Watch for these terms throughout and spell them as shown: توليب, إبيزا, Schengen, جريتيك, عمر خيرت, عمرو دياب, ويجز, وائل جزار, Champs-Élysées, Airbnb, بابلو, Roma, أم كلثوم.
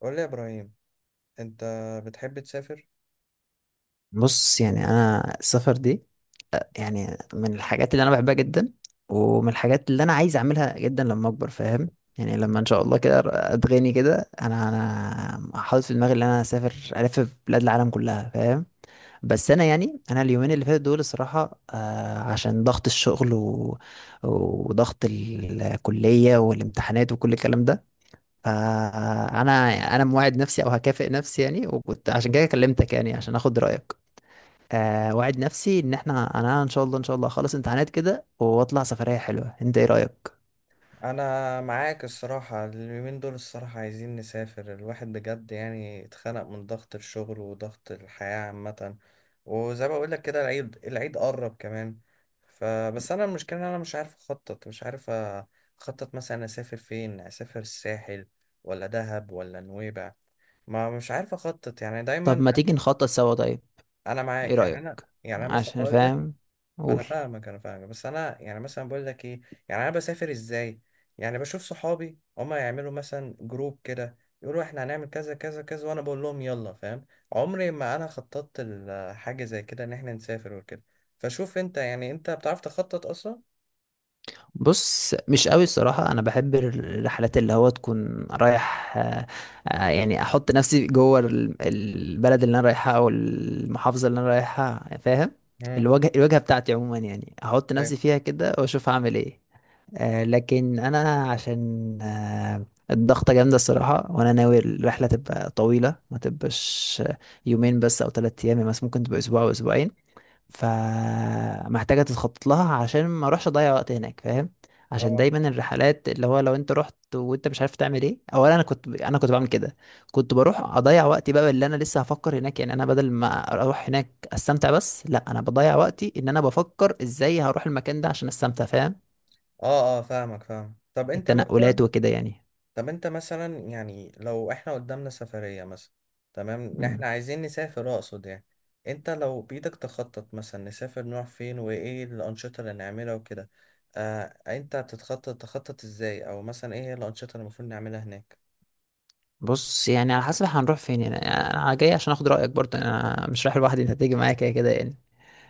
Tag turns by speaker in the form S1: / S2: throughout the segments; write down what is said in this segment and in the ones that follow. S1: قول لي يا ابراهيم، انت بتحب تسافر؟
S2: بص يعني انا السفر دي يعني من الحاجات اللي انا بحبها جدا، ومن الحاجات اللي انا عايز اعملها جدا لما اكبر فاهم. يعني لما ان شاء الله كده اتغني كده انا حاطط في دماغي ان انا اسافر الف بلاد العالم كلها فاهم. بس انا يعني انا اليومين اللي فاتوا دول الصراحه عشان ضغط الشغل وضغط الكليه والامتحانات وكل الكلام ده. فانا انا موعد نفسي او هكافئ نفسي يعني، وكنت عشان كده كلمتك يعني عشان اخد رايك. وعد نفسي ان انا ان شاء الله ان شاء الله اخلص امتحانات كده واطلع سفرية حلوة، انت ايه رأيك؟
S1: انا معاك. الصراحه اليومين دول، الصراحه عايزين نسافر. الواحد بجد يعني اتخنق من ضغط الشغل وضغط الحياه عامه. وزي ما بقول لك كده، العيد العيد قرب كمان. فبس انا المشكله ان انا مش عارف اخطط، مثلا اسافر فين، اسافر الساحل ولا دهب ولا نويبع؟ ما مش عارف اخطط يعني
S2: طب
S1: دايما.
S2: ما تيجي نخطط سوا طيب،
S1: انا
S2: ايه
S1: معاك. يعني
S2: رأيك؟
S1: انا مثلا
S2: عشان
S1: اقول لك.
S2: فاهم،
S1: ما انا
S2: قول.
S1: فاهمك، انا فاهمك، بس انا يعني مثلا بقول لك ايه؟ يعني انا بسافر ازاي؟ يعني بشوف صحابي هما يعملوا مثلا جروب كده، يقولوا احنا هنعمل كذا كذا كذا وانا بقول لهم يلا، فاهم. عمري ما انا خططت حاجه زي كده ان احنا نسافر وكده. فشوف انت بتعرف تخطط اصلا؟
S2: بص مش قوي الصراحة، انا بحب الرحلات اللي هو تكون رايح يعني احط نفسي جوه البلد اللي انا رايحها او المحافظة اللي انا رايحها فاهم.
S1: مم.
S2: الوجهة بتاعتي عموما يعني احط نفسي
S1: أيوة.
S2: فيها كده واشوف هعمل ايه. لكن انا عشان الضغطة جامدة الصراحة، وانا ناوي الرحلة تبقى طويلة، ما تبقاش يومين بس او ثلاثة ايام، يعني مثلا ممكن تبقى اسبوع او اسبوعين. فمحتاجة تتخطط لها عشان ما اروحش اضيع وقت هناك فاهم. عشان
S1: اه
S2: دايما الرحلات اللي هو لو انت رحت وانت مش عارف تعمل ايه، اولا انا كنت بعمل كده. كنت بروح اضيع وقتي بقى اللي انا لسه هفكر هناك، يعني انا بدل ما اروح هناك استمتع، بس لا انا بضيع وقتي ان انا بفكر ازاي هروح المكان ده عشان استمتع فاهم.
S1: اه اه، فاهمك فاهم.
S2: التنقلات وكده يعني.
S1: طب انت مثلا يعني لو احنا قدامنا سفرية مثلا، تمام، ان
S2: مم.
S1: احنا عايزين نسافر، اقصد يعني انت لو بإيدك تخطط مثلا نسافر نروح فين، وايه الأنشطة اللي نعملها وكده. آه، انت تخطط ازاي، او مثلا ايه هي الأنشطة اللي المفروض نعملها هناك؟
S2: بص يعني على حسب هنروح فين، يعني انا جاي عشان اخد رايك برضه، انا مش رايح لوحدي، انت هتيجي معايا كده كده يعني.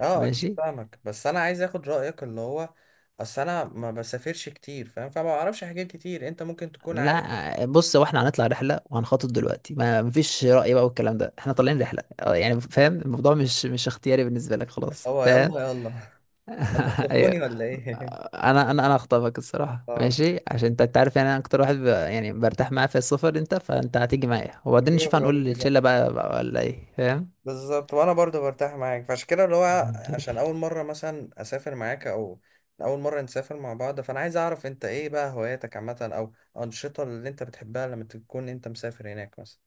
S1: اه، اكيد
S2: ماشي.
S1: فاهمك، بس انا عايز اخد رأيك اللي هو اصل انا ما بسافرش كتير، فاهم، فما بعرفش حاجات كتير انت ممكن تكون عارف.
S2: لا بص هو احنا هنطلع رحله وهنخطط دلوقتي، ما مفيش راي بقى والكلام ده، احنا طالعين رحله اه يعني فاهم. الموضوع مش اختياري بالنسبه لك خلاص
S1: اه،
S2: فاهم.
S1: يلا يلا.
S2: ايوه.
S1: هتخطفوني ولا ايه؟
S2: انا اخطبك الصراحه
S1: اه.
S2: ماشي، عشان انت أنت عارف يعني انا اكتر واحد يعني برتاح معاه في السفر انت، فانت هتيجي معايا وبعدين
S1: حبيبي يا
S2: نشوف
S1: ابراهيم
S2: هنقول
S1: بجد.
S2: للشله بقى ولا ايه فاهم.
S1: بالظبط، وانا برضو برتاح معاك، فعشان كده اللي هو
S2: مم.
S1: عشان اول مره مثلا اسافر معاك، او اول مره نسافر مع بعض، فانا عايز اعرف انت ايه بقى هواياتك عامه، او انشطه اللي انت بتحبها لما تكون انت مسافر هناك مثلا.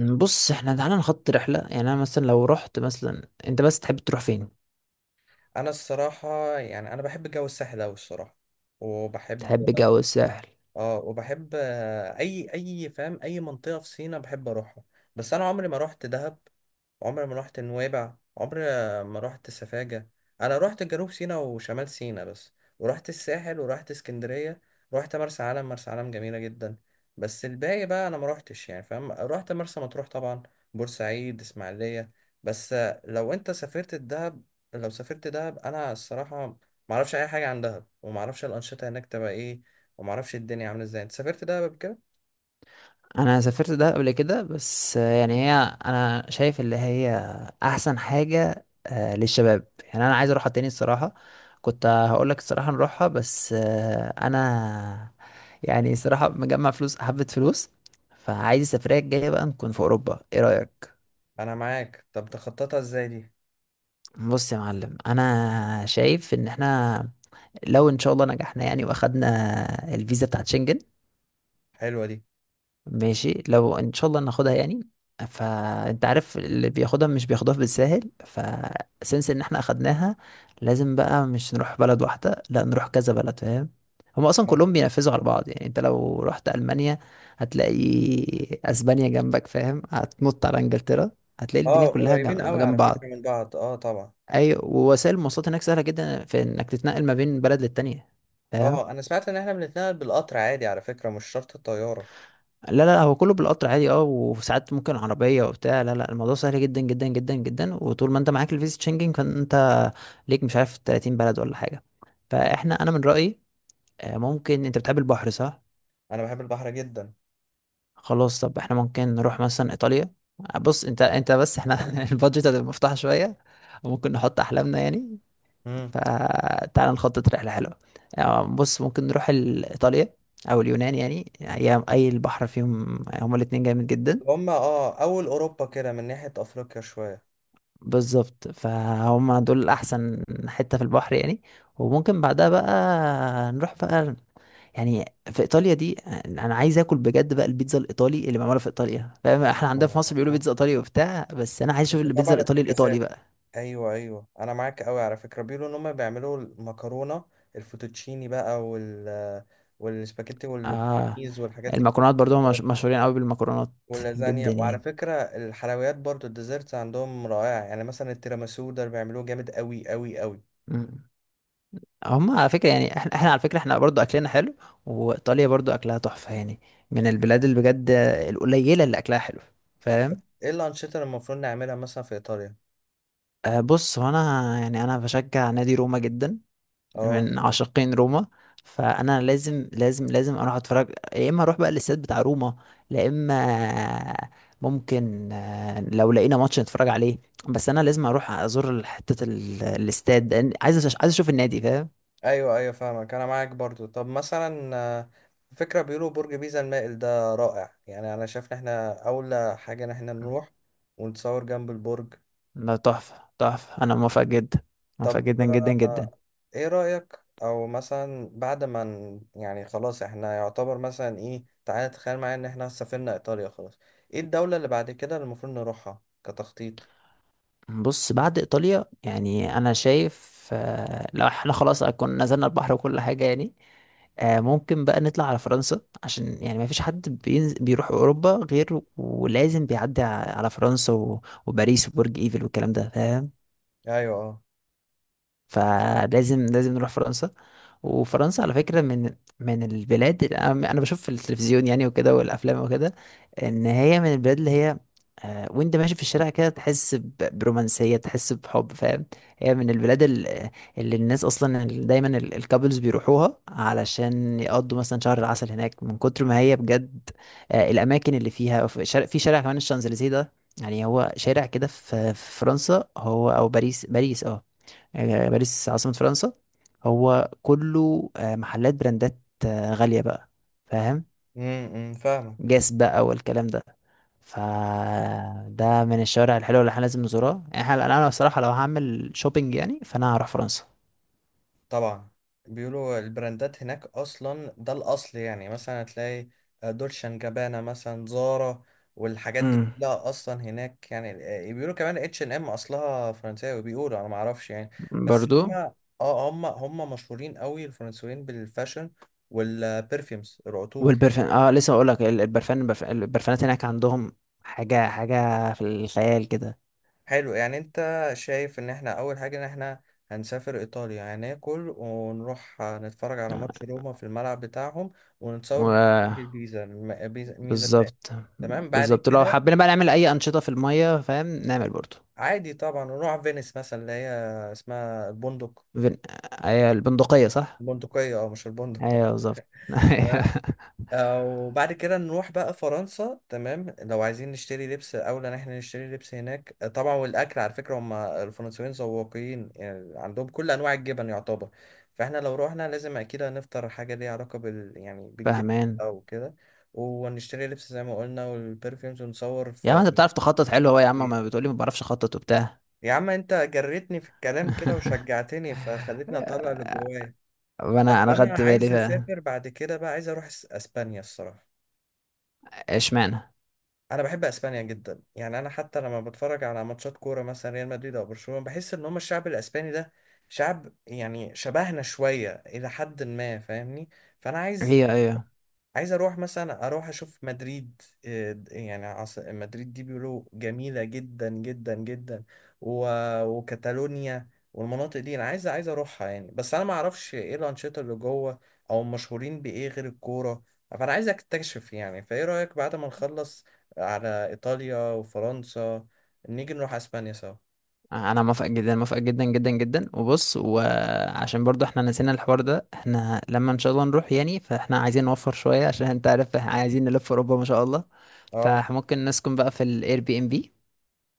S2: إمم، بص احنا تعالى نخط رحلة، يعني انا مثلا لو رحت مثلا، انت بس تحب تروح فين؟
S1: انا الصراحه، يعني انا بحب جو الساحل اوي الصراحه. وبحب
S2: تحب جو الساحل.
S1: اه وبحب آه، اي اي، فاهم، اي منطقه في سينا بحب اروحها. بس انا عمري ما روحت دهب، عمري ما رحت نويبع، عمري ما رحت سفاجة. انا رحت جنوب سيناء وشمال سيناء بس، ورحت الساحل، ورحت اسكندرية. رحت مرسى علم، مرسى علم جميلة جدا. بس الباقي بقى انا ما رحتش يعني، فاهم. رحت مرسى مطروح طبعا، بورسعيد، اسماعيلية بس. لو انت سافرت الدهب لو سافرت دهب، انا الصراحة ما اعرفش اي حاجة عن دهب، وما اعرفش الانشطة هناك تبقى ايه، وما اعرفش الدنيا عاملة ازاي. انت سافرت دهب قبل كده؟
S2: انا سافرت ده قبل كده بس يعني هي، انا شايف اللي هي احسن حاجة للشباب، يعني انا عايز اروحها تاني الصراحة. كنت هقول لك الصراحة نروحها بس انا يعني الصراحة مجمع فلوس حبة فلوس، فعايز السفرية الجاية بقى نكون في اوروبا، ايه رأيك؟
S1: انا معاك، طب تخططها ازاي دي؟
S2: بص يا معلم انا شايف ان احنا لو ان شاء الله نجحنا يعني واخدنا الفيزا بتاعت شنجن،
S1: حلوة دي.
S2: ماشي لو ان شاء الله ناخدها يعني. فانت عارف اللي بياخدها مش بياخدها بالساهل، فسنس ان احنا اخدناها لازم بقى مش نروح بلد واحدة، لا نروح كذا بلد فاهم. هما اصلا كلهم بينفذوا على بعض، يعني انت لو رحت المانيا هتلاقي اسبانيا جنبك فاهم، هتنط على انجلترا هتلاقي الدنيا
S1: اه،
S2: كلها
S1: قريبين
S2: جنب
S1: قوي
S2: جنب
S1: على فكرة
S2: بعض.
S1: من بعض، اه طبعا.
S2: اي، ووسائل المواصلات هناك سهلة جدا في انك تتنقل ما بين بلد للتانية فاهم؟
S1: اه، انا سمعت ان احنا بنتنقل بالقطر عادي على فكرة، مش شرط الطيارة.
S2: لا لا لا، هو كله بالقطر عادي اه، وساعات ممكن عربية وبتاع. لا لا الموضوع سهل جدا جدا جدا جدا، وطول ما انت معاك الفيزا شنجن فانت ليك مش عارف 30 بلد ولا حاجة.
S1: مم.
S2: فاحنا انا من رأيي ممكن، انت بتحب البحر صح؟
S1: انا بحب البحر جدا.
S2: خلاص طب احنا ممكن نروح مثلا ايطاليا. بص انت بس احنا البادجت هتبقى مفتوحة شوية وممكن نحط احلامنا يعني.
S1: امم.
S2: فتعال نخطط رحلة حلوة. بص ممكن نروح ايطاليا او اليونان، يعني أي البحر فيهم هما الاتنين جامد جدا.
S1: هما اول اوروبا كده من ناحية افريقيا شوية.
S2: بالظبط، فهم دول احسن حتة في البحر يعني. وممكن بعدها بقى نروح بقى يعني في ايطاليا دي، انا عايز اكل بجد بقى البيتزا الايطالي اللي معموله في ايطاليا فاهم. احنا عندنا في
S1: آه.
S2: مصر بيقولوا
S1: آه.
S2: بيتزا ايطالي وبتاع، بس انا عايز اشوف
S1: بس
S2: البيتزا
S1: طبعا
S2: الايطالي الايطالي
S1: افتكاسات.
S2: بقى.
S1: ايوه ايوه، انا معاك قوي على فكرة. بيقولوا ان هما بيعملوا المكرونة الفوتوتشيني بقى، والسباجيتي
S2: اه
S1: والبريز والحاجات دي
S2: المكرونات برضو هم مشهورين قوي بالمكرونات
S1: واللازانيا.
S2: جدا
S1: وعلى
S2: يعني.
S1: فكرة الحلويات برضو، الديزرتس عندهم رائعة، يعني مثلا التيراميسو ده بيعملوه جامد قوي قوي قوي.
S2: مم. هم على فكرة يعني احنا على فكرة احنا برضو اكلنا حلو، وايطاليا برضو اكلها تحفة يعني، من البلاد اللي بجد القليلة اللي اكلها حلو فاهم.
S1: ايه الأنشطة اللي المفروض نعملها مثلا في إيطاليا؟
S2: أه بص هو انا يعني انا بشجع نادي روما جدا،
S1: اه.
S2: من عاشقين روما، فانا لازم لازم لازم اروح اتفرج يا اما اروح بقى الاستاد بتاع روما، لا اما ممكن لو لقينا ماتش نتفرج عليه، بس انا لازم اروح ازور حته الاستاد لأن عايز عايز اشوف النادي فاهم.
S1: ايوه ايوه فاهمك، انا معاك برضو. طب مثلا، فكرة بيقولوا برج بيزا المائل ده رائع، يعني انا شايف ان احنا اولى حاجة ان احنا نروح ونتصور جنب البرج.
S2: ده تحفه تحفه، انا موافق جدا، موافق
S1: طب،
S2: جدا جدا جدا.
S1: ايه رأيك، او مثلا بعد ما يعني خلاص احنا يعتبر مثلا ايه، تعالى تخيل معايا ان احنا سافرنا ايطاليا خلاص، ايه الدولة اللي بعد كده اللي المفروض نروحها كتخطيط؟
S2: بص بعد ايطاليا يعني انا شايف لو احنا خلاص كنا نزلنا البحر وكل حاجه يعني، ممكن بقى نطلع على فرنسا، عشان يعني ما فيش حد بيروح اوروبا غير ولازم بيعدي على فرنسا وباريس وبرج ايفل والكلام ده فاهم.
S1: ايوه، اه.
S2: فلازم لازم نروح فرنسا. وفرنسا على فكرة من من البلاد اللي انا بشوف في التلفزيون يعني وكده والافلام وكده، ان هي من البلاد اللي هي وانت ماشي في الشارع كده تحس برومانسية، تحس بحب فاهم. هي من البلاد اللي الناس اصلا دايما الكابلز بيروحوها علشان يقضوا مثلا شهر العسل هناك من كتر ما هي بجد الاماكن اللي فيها. في شارع, في شارع كمان الشانزليزيه ده، يعني هو شارع كده في في فرنسا، هو او باريس، باريس اه باريس عاصمة فرنسا. هو كله محلات براندات غالية بقى فاهم.
S1: امم، فاهمك.
S2: جاس بقى والكلام ده، فده من الشوارع الحلوة اللي احنا لازم نزورها يعني. احنا انا بصراحة لو هعمل شوبينج يعني فانا هروح فرنسا.
S1: طبعا. بيقولوا البراندات هناك اصلا ده الاصل، يعني مثلا هتلاقي دولشان جابانا، مثلا زارا، والحاجات دي
S2: امم
S1: كلها اصلا هناك يعني. بيقولوا كمان H&M اصلها فرنساوي بيقولوا، انا ما اعرفش يعني. بس
S2: برضو.
S1: هم اه هم هم مشهورين قوي، الفرنسيين بالفاشن والبرفيومز العطور.
S2: والبرفان اه لسه اقول لك، البرفان البرفانات هناك عندهم حاجة حاجة في الخيال كده.
S1: حلو. يعني انت شايف ان احنا اول حاجة ان احنا هنسافر ايطاليا، هناكل ونروح نتفرج على ماتش روما في الملعب بتاعهم، ونتصور جنب برج
S2: و
S1: البيزا ميزة ده.
S2: بالظبط.
S1: تمام بعد
S2: بالظبط لو
S1: كده.
S2: حبينا بقى نعمل اي انشطة في المية فاهم نعمل برضو.
S1: عادي طبعا نروح فينيس مثلا، اللي هي اسمها البندق.
S2: فين... ايوه البندقية صح؟
S1: البندقية، او مش البندق؟
S2: ايوه بالظبط أيوة.
S1: لا. وبعد كده نروح بقى فرنسا. تمام، لو عايزين نشتري لبس، اولى ان احنا نشتري لبس هناك، طبعا. والاكل على فكره، هم الفرنسيين ذواقين يعني، عندهم كل انواع الجبن يعتبر. فاحنا لو روحنا لازم اكيد هنفطر حاجه ليها علاقه بالجبن،
S2: فاهمان.
S1: او كده. ونشتري لبس زي ما قلنا، والبرفيومز ونصور
S2: يا عم
S1: في.
S2: انت بتعرف تخطط حلو اهو، يا عم ما بتقولي ما بعرفش اخطط وبتاع.
S1: يا عم، انت جريتني في الكلام كده وشجعتني، فخلتني اطلع اللي جوايا.
S2: وانا
S1: طب
S2: انا
S1: انا
S2: خدت بالي
S1: عايز
S2: ف
S1: اسافر بعد كده بقى، عايز اروح اسبانيا الصراحه.
S2: اشمعنى.
S1: انا بحب اسبانيا جدا، يعني انا حتى لما بتفرج على ماتشات كوره، مثلا ريال مدريد او برشلونه، بحس ان هم الشعب الاسباني ده شعب، يعني شبهنا شويه الى حد ما، فاهمني. فانا
S2: ايوه ايوه
S1: عايز اروح، مثلا اروح اشوف مدريد، إيه، يعني مدريد دي بيقولوا جميلة جدا جدا جدا. و... وكاتالونيا والمناطق دي انا عايز اروحها يعني، بس انا ما اعرفش ايه الانشطة اللي جوه، او مشهورين بايه غير الكورة. فانا عايز اكتشف يعني. فايه رأيك بعد ما نخلص على ايطاليا وفرنسا، نيجي نروح اسبانيا سوا؟
S2: انا موافق جدا، موافق جدا جدا جدا. وبص، وعشان برضو احنا نسينا الحوار ده، احنا لما ان شاء الله نروح يعني فاحنا عايزين نوفر شوية، عشان انت عارف احنا عايزين نلف اوروبا ما شاء الله.
S1: اه،
S2: فممكن نسكن بقى في الاير بي ام بي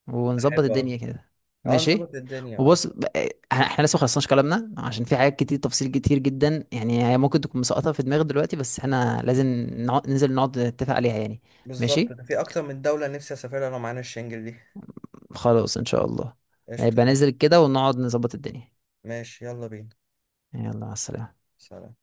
S2: ونظبط
S1: حلو
S2: الدنيا
S1: أوي.
S2: كده.
S1: اه،
S2: ماشي.
S1: نظبط الدنيا، اه.
S2: وبص احنا لسه مخلصناش كلامنا، عشان في حاجات كتير، تفاصيل كتير جدا يعني، هي ممكن تكون مسقطة في دماغي دلوقتي، بس احنا لازم نقعد ننزل نقعد نتفق عليها يعني.
S1: بالظبط،
S2: ماشي
S1: ده في اكتر من دولة نفسي اسافرها لو معانا الشنجل دي.
S2: خلاص ان شاء الله.
S1: قشطة
S2: هيبقى
S1: يلا.
S2: ننزل كده ونقعد نظبط الدنيا.
S1: ماشي يلا بينا.
S2: يلا مع السلامة.
S1: سلام.